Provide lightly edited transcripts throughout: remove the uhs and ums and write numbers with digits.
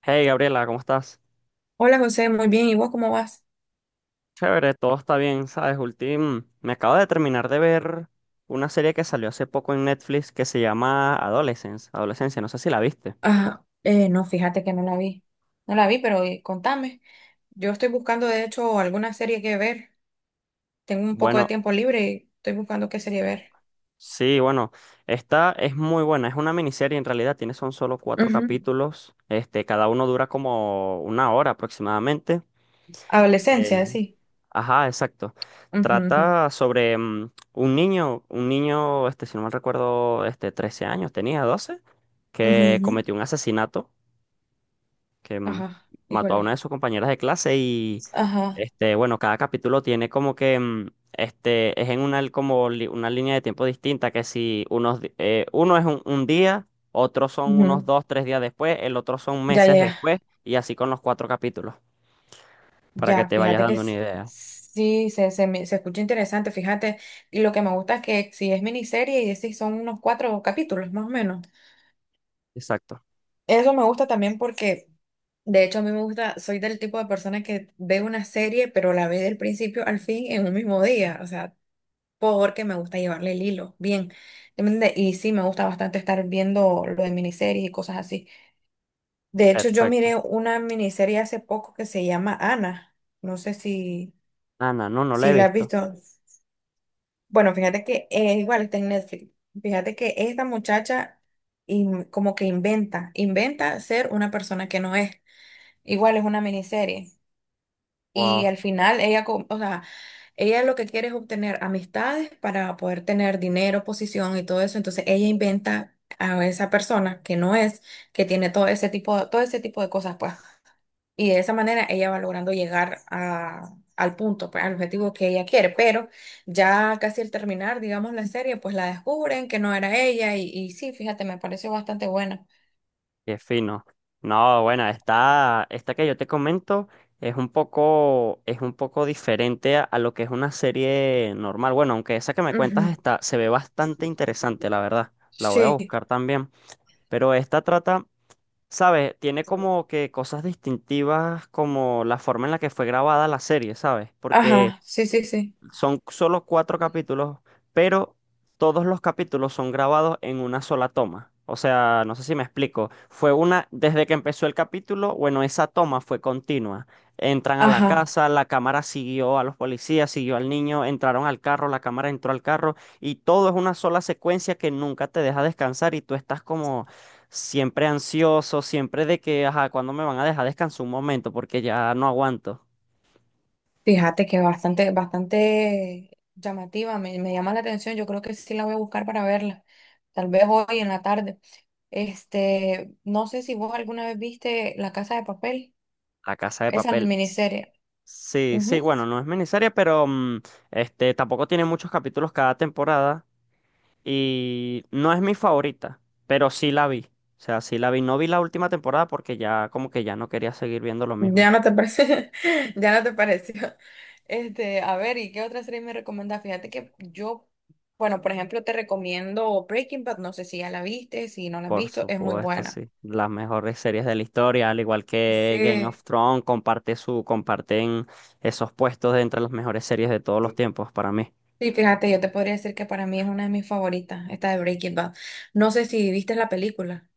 Hey Gabriela, ¿cómo estás? Hola José, muy bien. ¿Y vos cómo vas? Chévere, todo está bien, ¿sabes? Me acabo de terminar de ver una serie que salió hace poco en Netflix que se llama Adolescence, Adolescencia, no sé si la viste. Ah, no, fíjate que no la vi. No la vi, pero contame. Yo estoy buscando, de hecho, alguna serie que ver. Tengo un poco de Bueno, tiempo libre y estoy buscando qué serie ver. sí, bueno, esta es muy buena, es una miniserie en realidad, tiene son solo cuatro Ujú, capítulos, este, cada uno dura como una hora aproximadamente. Adolescencia, Eh, sí. Ajá, exacto. Ujú, ujú. Trata sobre un niño, este, si no mal recuerdo, este, 13 años, tenía 12, Ujú, que ujú. cometió un asesinato, que mm, Ajá, mató a una de híjole. sus compañeras de clase y, Ajá, este, bueno, cada capítulo tiene como que, este, es en una, como una línea de tiempo distinta, que si unos, uno es un día, otros son unos ujú. dos, tres días después, el otro son Ya, ya, meses ya. después, y así con los cuatro capítulos, para que Ya, te vayas dando una idea. Se escucha interesante, fíjate. Y lo que me gusta es que si es miniserie y decís son unos cuatro capítulos, más o menos. Exacto. Eso me gusta también porque de hecho, a mí me gusta, soy del tipo de persona que ve una serie, pero la ve del principio al fin en un mismo día, o sea, porque me gusta llevarle el hilo, bien. ¿Entiende? Y sí, me gusta bastante estar viendo lo de miniseries y cosas así. De hecho, yo Perfecto. miré una miniserie hace poco que se llama Ana, no sé si, Ah, no, no, no la si he la has visto. visto. Bueno, fíjate que igual está en Netflix. Fíjate que esta muchacha como que inventa ser una persona que no es. Igual es una miniserie. Y Wow, al final o sea, ella lo que quiere es obtener amistades para poder tener dinero, posición y todo eso. Entonces ella inventa a esa persona que no es, que tiene todo ese tipo de cosas, pues. Y de esa manera ella va logrando al punto, pues, al objetivo que ella quiere. Pero ya casi al terminar, digamos, la serie, pues la descubren que no era ella. Y sí, fíjate, me pareció bastante buena. qué fino. No, bueno, esta que yo te comento es un poco diferente a lo que es una serie normal. Bueno, aunque esa que me cuentas Ujú. está, se ve bastante interesante, la verdad. La voy a Sí. buscar también. Pero esta trata, ¿sabes? Tiene como que cosas distintivas como la forma en la que fue grabada la serie, ¿sabes? Porque Ajá, sí, sí, sí. son solo cuatro capítulos, pero todos los capítulos son grabados en una sola toma. O sea, no sé si me explico. Fue una, desde que empezó el capítulo, bueno, esa toma fue continua. Entran a la Ajá. casa, la cámara siguió a los policías, siguió al niño, entraron al carro, la cámara entró al carro y todo es una sola secuencia que nunca te deja descansar y tú estás como siempre ansioso, siempre de que, ajá, ¿cuándo me van a dejar descansar un momento? Porque ya no aguanto. Fíjate que bastante, bastante llamativa, me llama la atención. Yo creo que sí la voy a buscar para verla, tal vez hoy en la tarde. Este, no sé si vos alguna vez viste La Casa de Papel, La casa de esa es la papel. miniserie. Sí, sí, Ujú. bueno, no es miniserie, pero este tampoco tiene muchos capítulos cada temporada y no es mi favorita, pero sí la vi. O sea, sí la vi. No vi la última temporada porque ya como que ya no quería seguir viendo lo mismo. Ya no te parece, ya no te pareció. Este, a ver, ¿y qué otra serie me recomendás? Fíjate que yo, bueno, por ejemplo, te recomiendo Breaking Bad, no sé si ya la viste, si no la has Por visto, es muy supuesto, buena. sí. Las mejores series de la historia, al igual que Game Sí, of Thrones, comparten esos puestos de entre las mejores series de todos los tiempos para mí. sí, fíjate, yo te podría decir que para mí es una de mis favoritas, esta de Breaking Bad. No sé si viste la película,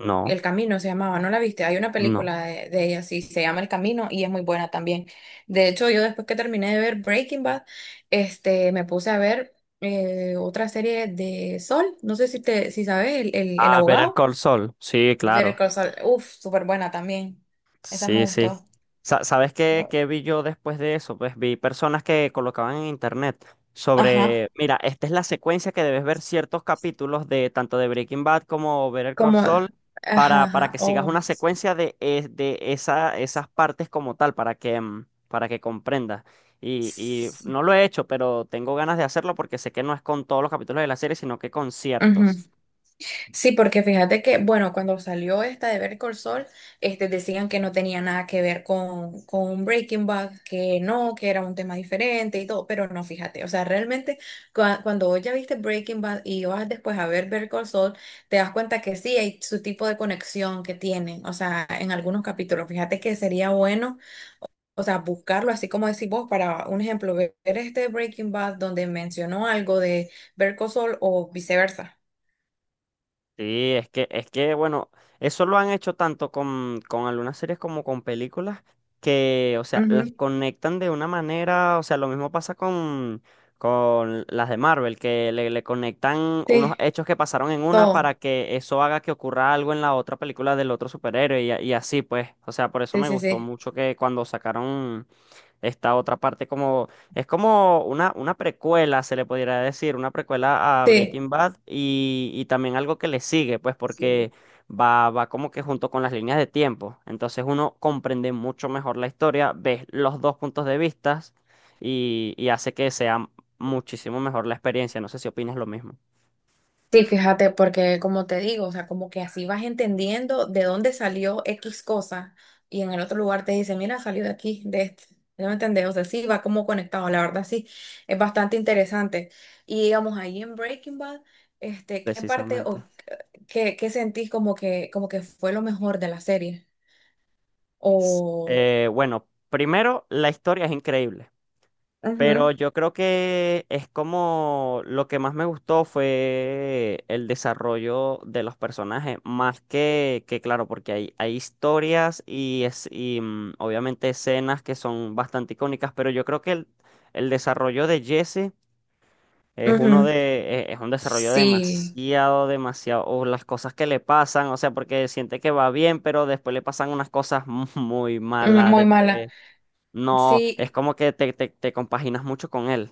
No, El Camino se llamaba, ¿no la viste? Hay una no. película de ella, sí, se llama El Camino y es muy buena también. De hecho, yo después que terminé de ver Breaking Bad, este, me puse a ver otra serie de Sol, no sé si te, si sabes, el Ah, Better abogado, Call Saul. Sí, Better claro. Call Saul, uff, súper buena también. Esa me Sí, sí. gustó. ¿Sabes qué vi yo después de eso? Pues vi personas que colocaban en internet sobre, Ajá, mira, esta es la secuencia que debes ver ciertos capítulos de tanto de Breaking Bad como Better Call como, Saul ajá, para ajá, que sigas una oh. secuencia de esa, esas partes como tal, para que comprendas. Y Sí, no lo he hecho, pero tengo ganas de hacerlo porque sé que no es con todos los capítulos de la serie, sino que con ujú. ciertos. Sí, porque fíjate que, bueno, cuando salió esta de Better Call Saul, este, decían que no tenía nada que ver con Breaking Bad, que no, que era un tema diferente y todo, pero no, fíjate, o sea, realmente cuando vos ya viste Breaking Bad y vas después a ver Better Call Saul, te das cuenta que sí hay su tipo de conexión que tienen, o sea, en algunos capítulos, fíjate que sería bueno, o sea, buscarlo, así como decís vos, para un ejemplo, ver este Breaking Bad donde mencionó algo de Better Call Saul o viceversa. Sí, es que, bueno, eso lo han hecho tanto con algunas series como con películas que, o sea, las Ujú, conectan de una manera, o sea, lo mismo pasa con las de Marvel, que le conectan unos sí. hechos que pasaron en una para Todo. que eso haga que ocurra algo en la otra película del otro superhéroe y así, pues, o sea, por eso Sí, me sí, gustó sí. mucho que cuando sacaron esta otra parte como es como una precuela, se le podría decir, una precuela a Sí. Breaking Bad y también algo que le sigue, pues porque va como que junto con las líneas de tiempo. Entonces uno comprende mucho mejor la historia, ves los dos puntos de vista y hace que sea muchísimo mejor la experiencia. No sé si opinas lo mismo, Sí, fíjate, porque como te digo, o sea, como que así vas entendiendo de dónde salió X cosa y en el otro lugar te dice, mira, salió de aquí, de este. ¿Ya me entendés? O sea, sí, va como conectado, la verdad, sí, es bastante interesante. Y digamos, ahí en Breaking Bad, este, ¿qué parte o precisamente. qué, qué sentís como que fue lo mejor de la serie? O... Bueno, primero, la historia es increíble. Ujú, Pero yo creo que es como lo que más me gustó fue el desarrollo de los personajes, más que claro, porque hay historias y, obviamente escenas que son bastante icónicas, pero yo creo que el desarrollo de Jesse ujú. Es un desarrollo Sí, demasiado, demasiado, o las cosas que le pasan, o sea, porque siente que va bien, pero después le pasan unas cosas muy mm, malas, muy mala. después no, es Sí, como que te compaginas mucho con él.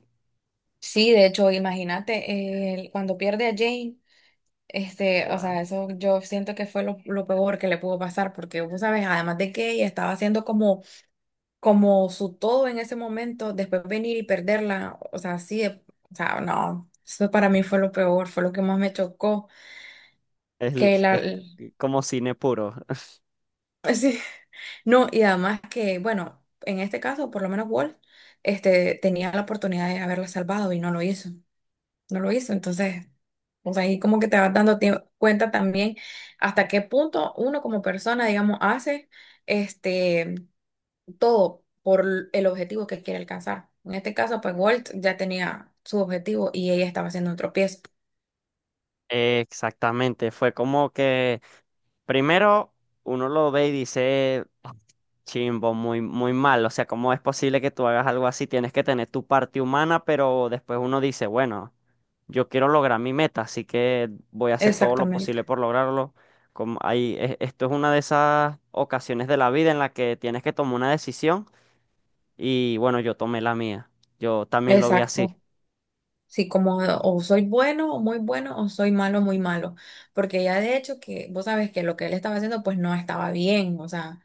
sí, de hecho, imagínate, cuando pierde a Jane, este, o Wow. sea, eso yo siento que fue lo peor que le pudo pasar, porque vos sabes, además de que ella estaba haciendo como, como su todo en ese momento, después venir y perderla, o sea, sí, o sea, no, eso para mí fue lo peor, fue lo que más me chocó, Es, que la, es el- como cine puro. sí, no, y además que, bueno, en este caso, por lo menos Walt, este, tenía la oportunidad de haberla salvado y no lo hizo. No lo hizo. Entonces, o sea, ahí como que te vas dando cuenta también hasta qué punto uno como persona, digamos, hace este todo por el objetivo que quiere alcanzar. En este caso, pues Walt ya tenía su objetivo y ella estaba haciendo un tropiezo. Exactamente, fue como que primero uno lo ve y dice, "Ah, chimbo, muy, muy mal, o sea, ¿cómo es posible que tú hagas algo así? Tienes que tener tu parte humana, pero después uno dice, bueno, yo quiero lograr mi meta, así que voy a hacer todo lo Exactamente. posible por lograrlo. Como ahí, esto es una de esas ocasiones de la vida en la que tienes que tomar una decisión y bueno, yo tomé la mía, yo también lo vi así, Exacto. Sí, como o soy bueno o muy bueno o soy malo muy malo, porque ya de hecho que vos sabes que lo que él estaba haciendo pues no estaba bien, o sea,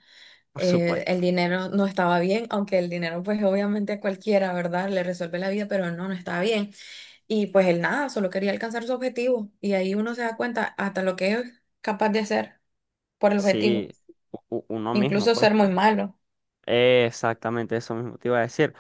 por supuesto. el dinero no estaba bien, aunque el dinero pues obviamente a cualquiera, ¿verdad? Le resuelve la vida, pero no, no estaba bien. Y pues él nada, solo quería alcanzar su objetivo y ahí uno se da cuenta hasta lo que es capaz de hacer por el objetivo, Sí, uno mismo, incluso pues. ser muy malo, Exactamente, eso mismo te iba a decir.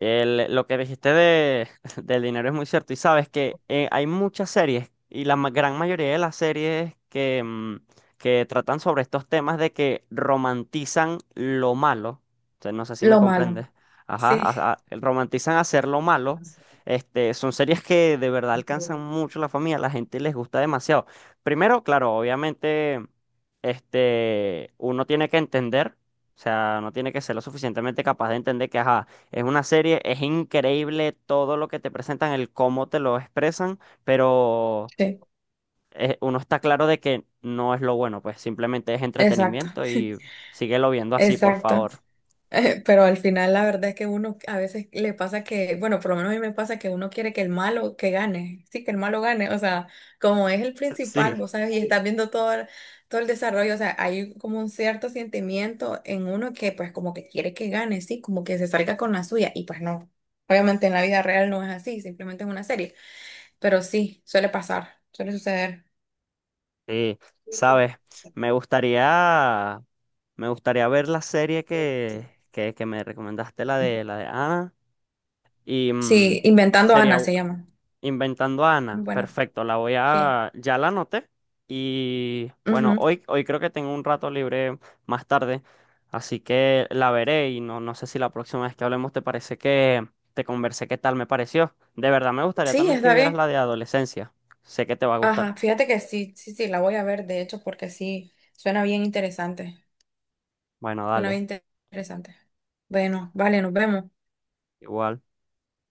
Lo que dijiste de, del dinero es muy cierto. Y sabes que hay muchas series, y gran mayoría de las series que tratan sobre estos temas de que romantizan lo malo. O sea, no sé si me lo malo. comprendes. Ajá, Sí, romantizan hacer lo malo. Este, son series que de verdad alcanzan mucho la familia, a la gente les gusta demasiado. Primero, claro, obviamente, este, uno tiene que entender. O sea, no tiene que ser lo suficientemente capaz de entender que, ajá, es una serie, es increíble todo lo que te presentan, el cómo te lo expresan, pero sí, uno está claro de que no es lo bueno, pues simplemente es exacto, entretenimiento y síguelo viendo así, por exacto. favor. Pero al final la verdad es que uno a veces le pasa que, bueno, por lo menos a mí me pasa que uno quiere que el malo que gane, sí, que el malo gane, o sea, como es el principal, Sí. vos sabes, y estás viendo todo, todo el desarrollo, o sea, hay como un cierto sentimiento en uno que pues como que quiere que gane, sí, como que se salga con la suya, y pues no, obviamente en la vida real no es así, simplemente es una serie, pero sí, suele pasar, suele suceder. Sí, sabes, me gustaría, me gustaría ver la serie que me recomendaste, la de Ana, y mm, Sí, y Inventando sería, Ana se llama, Inventando a Ana. bueno Perfecto, la voy sí. a... Ya la anoté. Y bueno, Ujú. hoy creo que tengo un rato libre más tarde, así que la veré y no, no sé si la próxima vez que hablemos te parece que te conversé qué tal me pareció. De verdad, me gustaría Sí, también que está vieras la bien. de adolescencia. Sé que te va a gustar. Ajá, fíjate que sí, sí, sí, la voy a ver, de hecho, porque sí, suena bien interesante. Bueno, Suena dale, bien interesante. Bueno, vale, nos vemos. igual.